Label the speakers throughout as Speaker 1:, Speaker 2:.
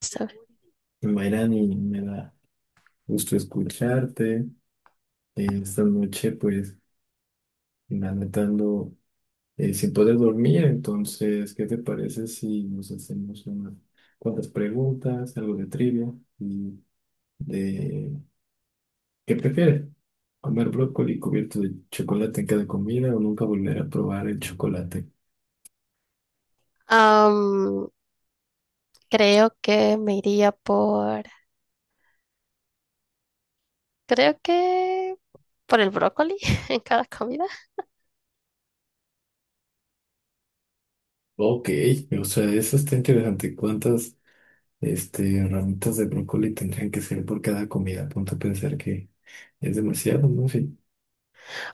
Speaker 1: Sabe.
Speaker 2: Mayrani, me da gusto escucharte. Esta noche, pues, la neta ando, sin poder dormir, entonces, ¿qué te parece si nos hacemos unas cuantas preguntas, algo de trivia y de qué prefieres? ¿Comer brócoli cubierto de chocolate en cada comida o nunca volver a probar el chocolate?
Speaker 1: Am, creo que me iría por, creo que por el brócoli en cada comida.
Speaker 2: Ok, o sea, eso está interesante. ¿Cuántas, ramitas de brócoli tendrían que ser por cada comida? Ponte a pensar que es demasiado, ¿no? Sí.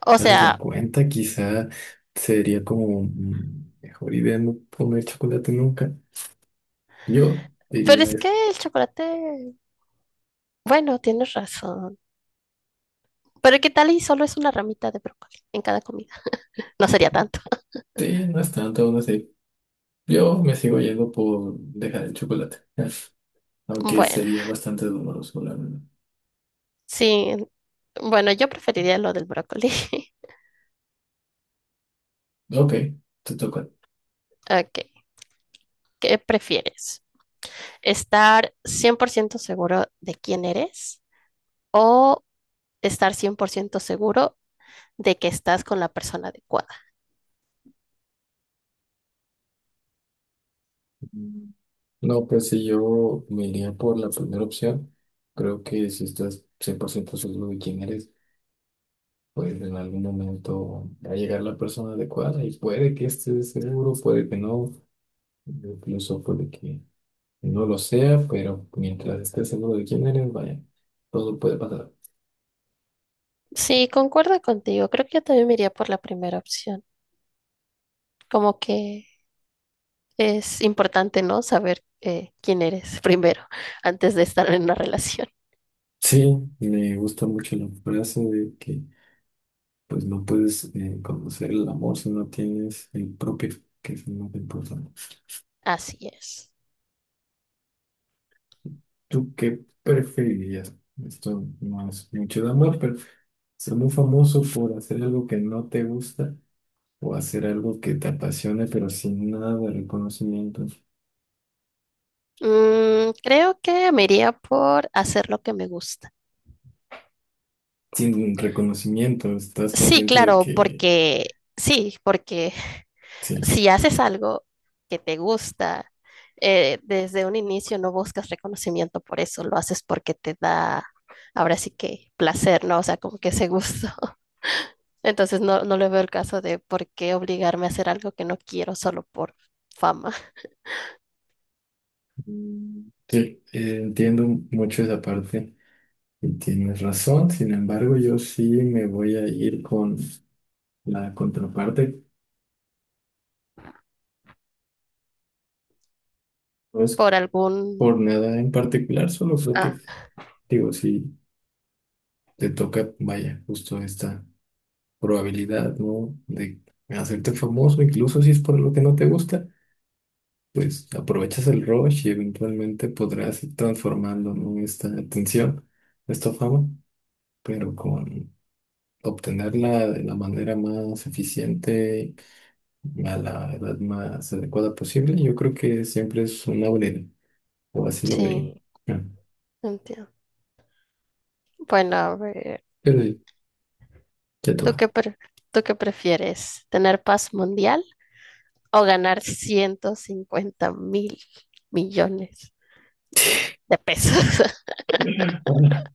Speaker 1: O
Speaker 2: Haces la
Speaker 1: sea,
Speaker 2: cuenta, quizá sería como mejor idea no comer chocolate nunca. Yo
Speaker 1: pero
Speaker 2: diría
Speaker 1: es que
Speaker 2: eso.
Speaker 1: el chocolate, bueno, tienes razón. Pero ¿qué tal y solo es una ramita de brócoli en cada comida? No sería tanto.
Speaker 2: Sí, no es tanto, no sé. Yo me sigo yendo por dejar el chocolate, aunque
Speaker 1: Bueno,
Speaker 2: sería bastante doloroso, la verdad.
Speaker 1: sí. Bueno, yo preferiría lo del brócoli.
Speaker 2: Ok, te toca.
Speaker 1: Ok, ¿qué prefieres? ¿Estar 100% seguro de quién eres o estar 100% seguro de que estás con la persona adecuada?
Speaker 2: Mm, No, pues si yo me iría por la primera opción, creo que si estás 100% seguro de quién eres, pues en algún momento va a llegar la persona adecuada y puede que estés seguro, puede que no. Yo pienso pues de que no lo sea, pero mientras estés seguro de quién eres, vaya, todo puede pasar.
Speaker 1: Sí, concuerdo contigo. Creo que yo también me iría por la primera opción. Como que es importante, ¿no? Saber quién eres primero, antes de estar en una relación.
Speaker 2: Sí, me gusta mucho la frase de que pues no puedes conocer el amor si no tienes el propio, que es lo más importante.
Speaker 1: Así es.
Speaker 2: ¿Tú qué preferirías? Esto no es mucho de amor, pero ser muy famoso por hacer algo que no te gusta o hacer algo que te apasione, pero sin nada de reconocimiento.
Speaker 1: Creo que me iría por hacer lo que me gusta.
Speaker 2: Sin reconocimiento, estás
Speaker 1: Sí,
Speaker 2: consciente de
Speaker 1: claro,
Speaker 2: que.
Speaker 1: porque
Speaker 2: Sí,
Speaker 1: si haces algo que te gusta, desde un inicio no buscas reconocimiento por eso, lo haces porque te da, ahora sí que placer, ¿no? O sea, como que ese gusto. Entonces no, no le veo el caso de por qué obligarme a hacer algo que no quiero solo por fama.
Speaker 2: sí, entiendo mucho esa parte y tienes razón. Sin embargo, yo sí me voy a ir con la contraparte. No es
Speaker 1: por
Speaker 2: por
Speaker 1: algún...
Speaker 2: nada en particular, solo creo
Speaker 1: Ah,
Speaker 2: que, digo, si te toca, vaya, justo esta probabilidad, ¿no? De hacerte famoso, incluso si es por lo que no te gusta, pues aprovechas el rush y eventualmente podrás ir transformando, ¿no? Esta atención, esta fama, pero con obtenerla de la manera más eficiente a la edad más adecuada posible, yo creo que siempre es una buena idea, o así lo vería.
Speaker 1: sí,
Speaker 2: Ah,
Speaker 1: entiendo. Bueno, a ver,
Speaker 2: pero ya
Speaker 1: ¿tú
Speaker 2: toca.
Speaker 1: qué, pre- tú qué prefieres? ¿Tener paz mundial o ganar 150,000 millones de pesos?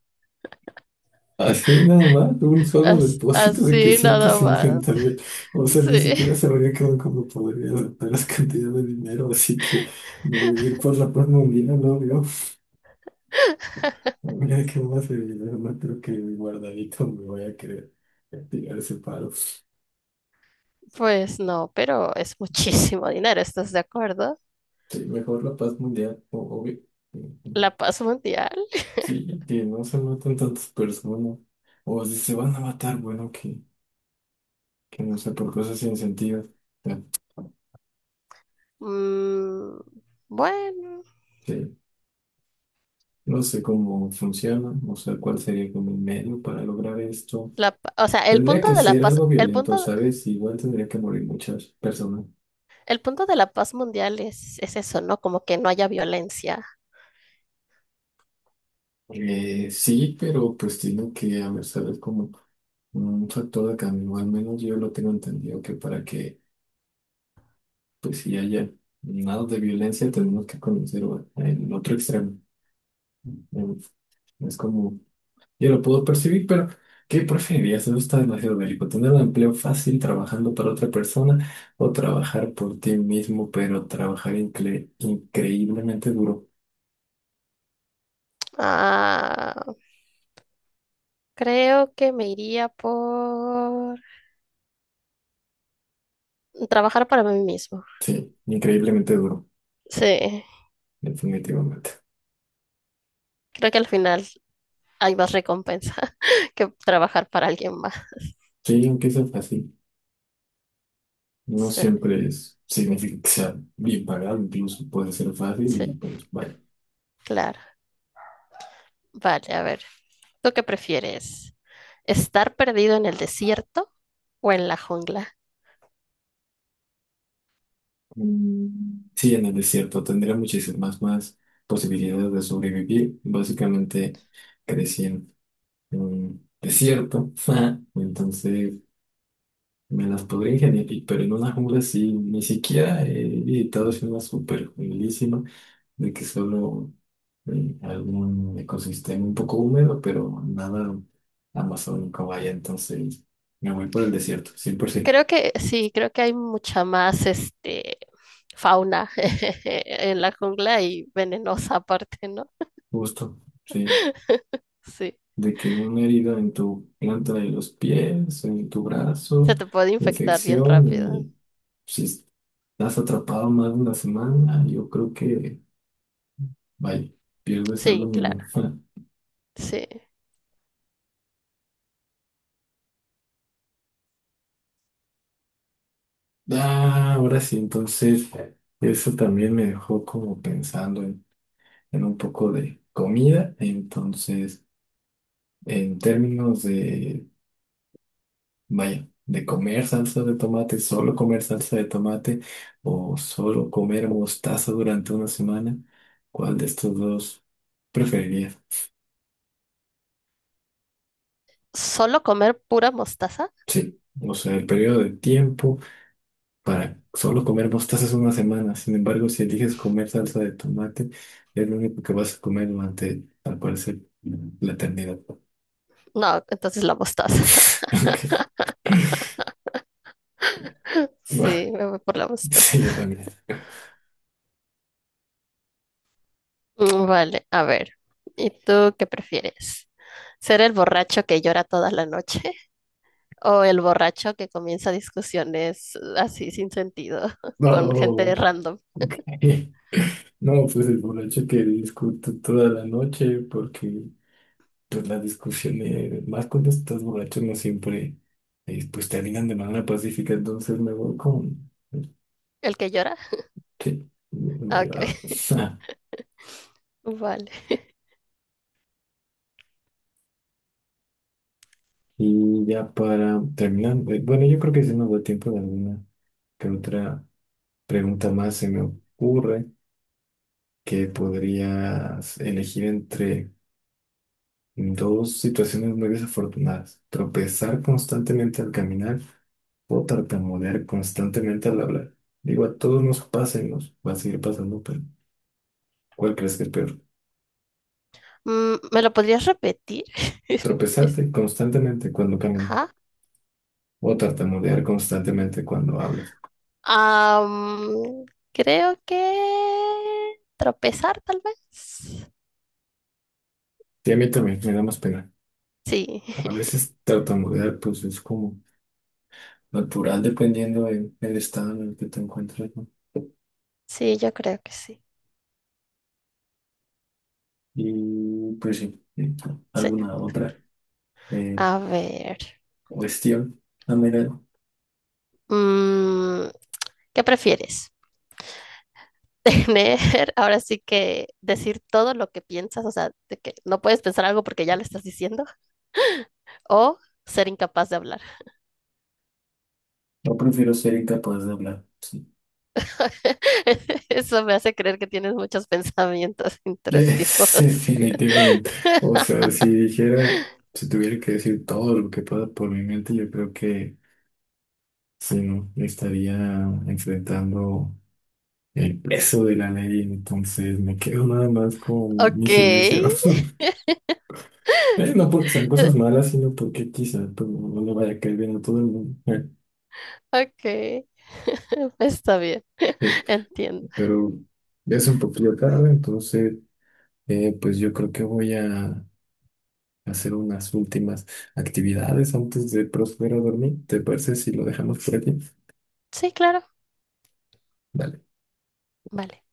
Speaker 2: Ah, así nada más, un solo depósito de que
Speaker 1: Así
Speaker 2: ciento
Speaker 1: nada más.
Speaker 2: cincuenta mil. O sea, ni
Speaker 1: Sí,
Speaker 2: siquiera sabría cómo podría adaptar las cantidades de dinero, así que me voy a ir por la paz mundial, no veo. Mira qué más de dinero, no creo que mi guardadito me voy a querer tirar ese paro.
Speaker 1: pues no, pero es muchísimo dinero, ¿estás de acuerdo?
Speaker 2: Sí, mejor la paz mundial, o- obvio. Ujú.
Speaker 1: La paz mundial.
Speaker 2: Sí, que no se maten tantas personas. O si se van a matar, bueno, que no sé, por cosas sin sentido. O
Speaker 1: Mm, bueno.
Speaker 2: sí. No sé cómo funciona, no sé cuál sería como el medio para lograr esto.
Speaker 1: O sea, el
Speaker 2: Tendría
Speaker 1: punto
Speaker 2: que
Speaker 1: de la
Speaker 2: ser
Speaker 1: paz,
Speaker 2: algo violento, ¿sabes? Igual tendría que morir muchas personas.
Speaker 1: el punto de la paz mundial es eso, ¿no? Como que no haya violencia.
Speaker 2: Sí, pero pues tiene que haber, ¿sabes? Como un factor de cambio. Al menos yo lo tengo entendido que para que pues si haya nada de violencia, tenemos que conocer el otro extremo. Mm, Es como, yo lo puedo percibir, pero ¿qué preferirías? Eso está demasiado bélico. ¿Tener un empleo fácil trabajando para otra persona o trabajar por ti mismo, pero trabajar increíblemente duro?
Speaker 1: Ah, creo que me iría por trabajar para mí mismo.
Speaker 2: Sí, increíblemente duro,
Speaker 1: Sí,
Speaker 2: definitivamente.
Speaker 1: creo que al final hay más recompensa que trabajar para alguien más.
Speaker 2: Sí, aunque sea fácil, no
Speaker 1: Sí,
Speaker 2: siempre es, significa que sea bien pagado, incluso puede ser fácil y
Speaker 1: sí,
Speaker 2: pues vaya.
Speaker 1: claro. Vale, a ver, ¿tú qué prefieres? ¿Estar perdido en el desierto o en la jungla?
Speaker 2: Sí, en el desierto tendría muchísimas más posibilidades de sobrevivir. Básicamente crecí en un desierto, entonces me las podría ingeniar, y- pero en una jungla sí, ni siquiera he visitado es una super junglísima de que solo algún ecosistema un poco húmedo, pero nada amazónico vaya, entonces me voy por el desierto, 100%.
Speaker 1: Creo que sí, creo que hay mucha más fauna en la jungla y venenosa aparte, ¿no?
Speaker 2: Justo, sí.
Speaker 1: Sí,
Speaker 2: De que una herida en tu planta de los pies, en tu
Speaker 1: se
Speaker 2: brazo,
Speaker 1: te puede infectar bien
Speaker 2: infección,
Speaker 1: rápido.
Speaker 2: y si estás atrapado más de una semana, yo creo que, vaya, pierdes algo
Speaker 1: Sí, claro,
Speaker 2: mínimo.
Speaker 1: sí.
Speaker 2: Ah, ahora sí, entonces, eso también me dejó como pensando en un poco de comida, entonces, en términos de vaya, de comer salsa de tomate, solo comer salsa de tomate o solo comer mostaza durante una semana, ¿cuál de estos dos preferirías?
Speaker 1: ¿Solo comer pura mostaza?
Speaker 2: Sí, o sea, el periodo de tiempo para solo comer mostaza es una semana. Sin embargo, si eliges comer salsa de tomate, es lo único que vas a comer durante, al parecer, la eternidad.
Speaker 1: No, entonces la mostaza.
Speaker 2: Ok, va.
Speaker 1: Sí, me voy por la
Speaker 2: Sí,
Speaker 1: mostaza.
Speaker 2: yo también.
Speaker 1: Vale, a ver, ¿y tú qué prefieres? ¿Ser el borracho que llora toda la noche o el borracho que comienza discusiones así sin sentido con
Speaker 2: No,
Speaker 1: gente random?
Speaker 2: no, pues el borracho que discute toda la noche porque pues las discusiones, más cuando estás borracho, no siempre, pues terminan de manera pacífica, entonces me voy con,
Speaker 1: ¿El que llora?
Speaker 2: sí, una
Speaker 1: Ah, ok.
Speaker 2: llorada.
Speaker 1: Vale.
Speaker 2: Y ya para terminar, bueno, yo creo que si nos da tiempo de alguna que otra pregunta más se me ocurre que podrías elegir entre dos situaciones muy desafortunadas. Tropezar constantemente al caminar o tartamudear constantemente al hablar. Digo, a todos nos pasa y nos va a seguir pasando, pero ¿cuál crees que es peor?
Speaker 1: ¿Me lo podrías repetir? Es- es-
Speaker 2: Tropezarte constantemente cuando caminas
Speaker 1: Ajá.
Speaker 2: o tartamudear constantemente cuando hablas.
Speaker 1: Am, creo que tropezar, tal vez.
Speaker 2: Y a mí también me da más pena.
Speaker 1: Sí,
Speaker 2: A veces tartamudear pues es como natural dependiendo del estado en el que te encuentras, ¿no?
Speaker 1: sí, yo creo que sí.
Speaker 2: Y pues sí,
Speaker 1: Sí.
Speaker 2: alguna otra eh,
Speaker 1: A ver.
Speaker 2: cuestión. Ah, mira,
Speaker 1: mm, ¿Qué prefieres? Tener, ahora sí que decir todo lo que piensas, o sea, de que no puedes pensar algo porque ya lo estás diciendo, o ser incapaz de hablar.
Speaker 2: Yo prefiero ser incapaz de hablar. Sí.
Speaker 1: Eso me hace creer que tienes muchos pensamientos intrusivos.
Speaker 2: Es definitivamente. O sea, si dijera, si tuviera que decir todo lo que pasa por mi mente, yo creo que sí, no, estaría enfrentando el peso de la ley, entonces me quedo nada más con mi
Speaker 1: Ok.
Speaker 2: silencio. No porque sean cosas malas, sino porque quizá pues, no le vaya a caer bien a todo el mundo.
Speaker 1: Ok, está bien,
Speaker 2: eh,
Speaker 1: entiendo.
Speaker 2: pero ya es un poquito tarde, entonces pues yo creo que voy a hacer unas últimas actividades antes de proceder a dormir. ¿Te parece si lo dejamos por aquí?
Speaker 1: Sí, claro,
Speaker 2: Dale.
Speaker 1: vale.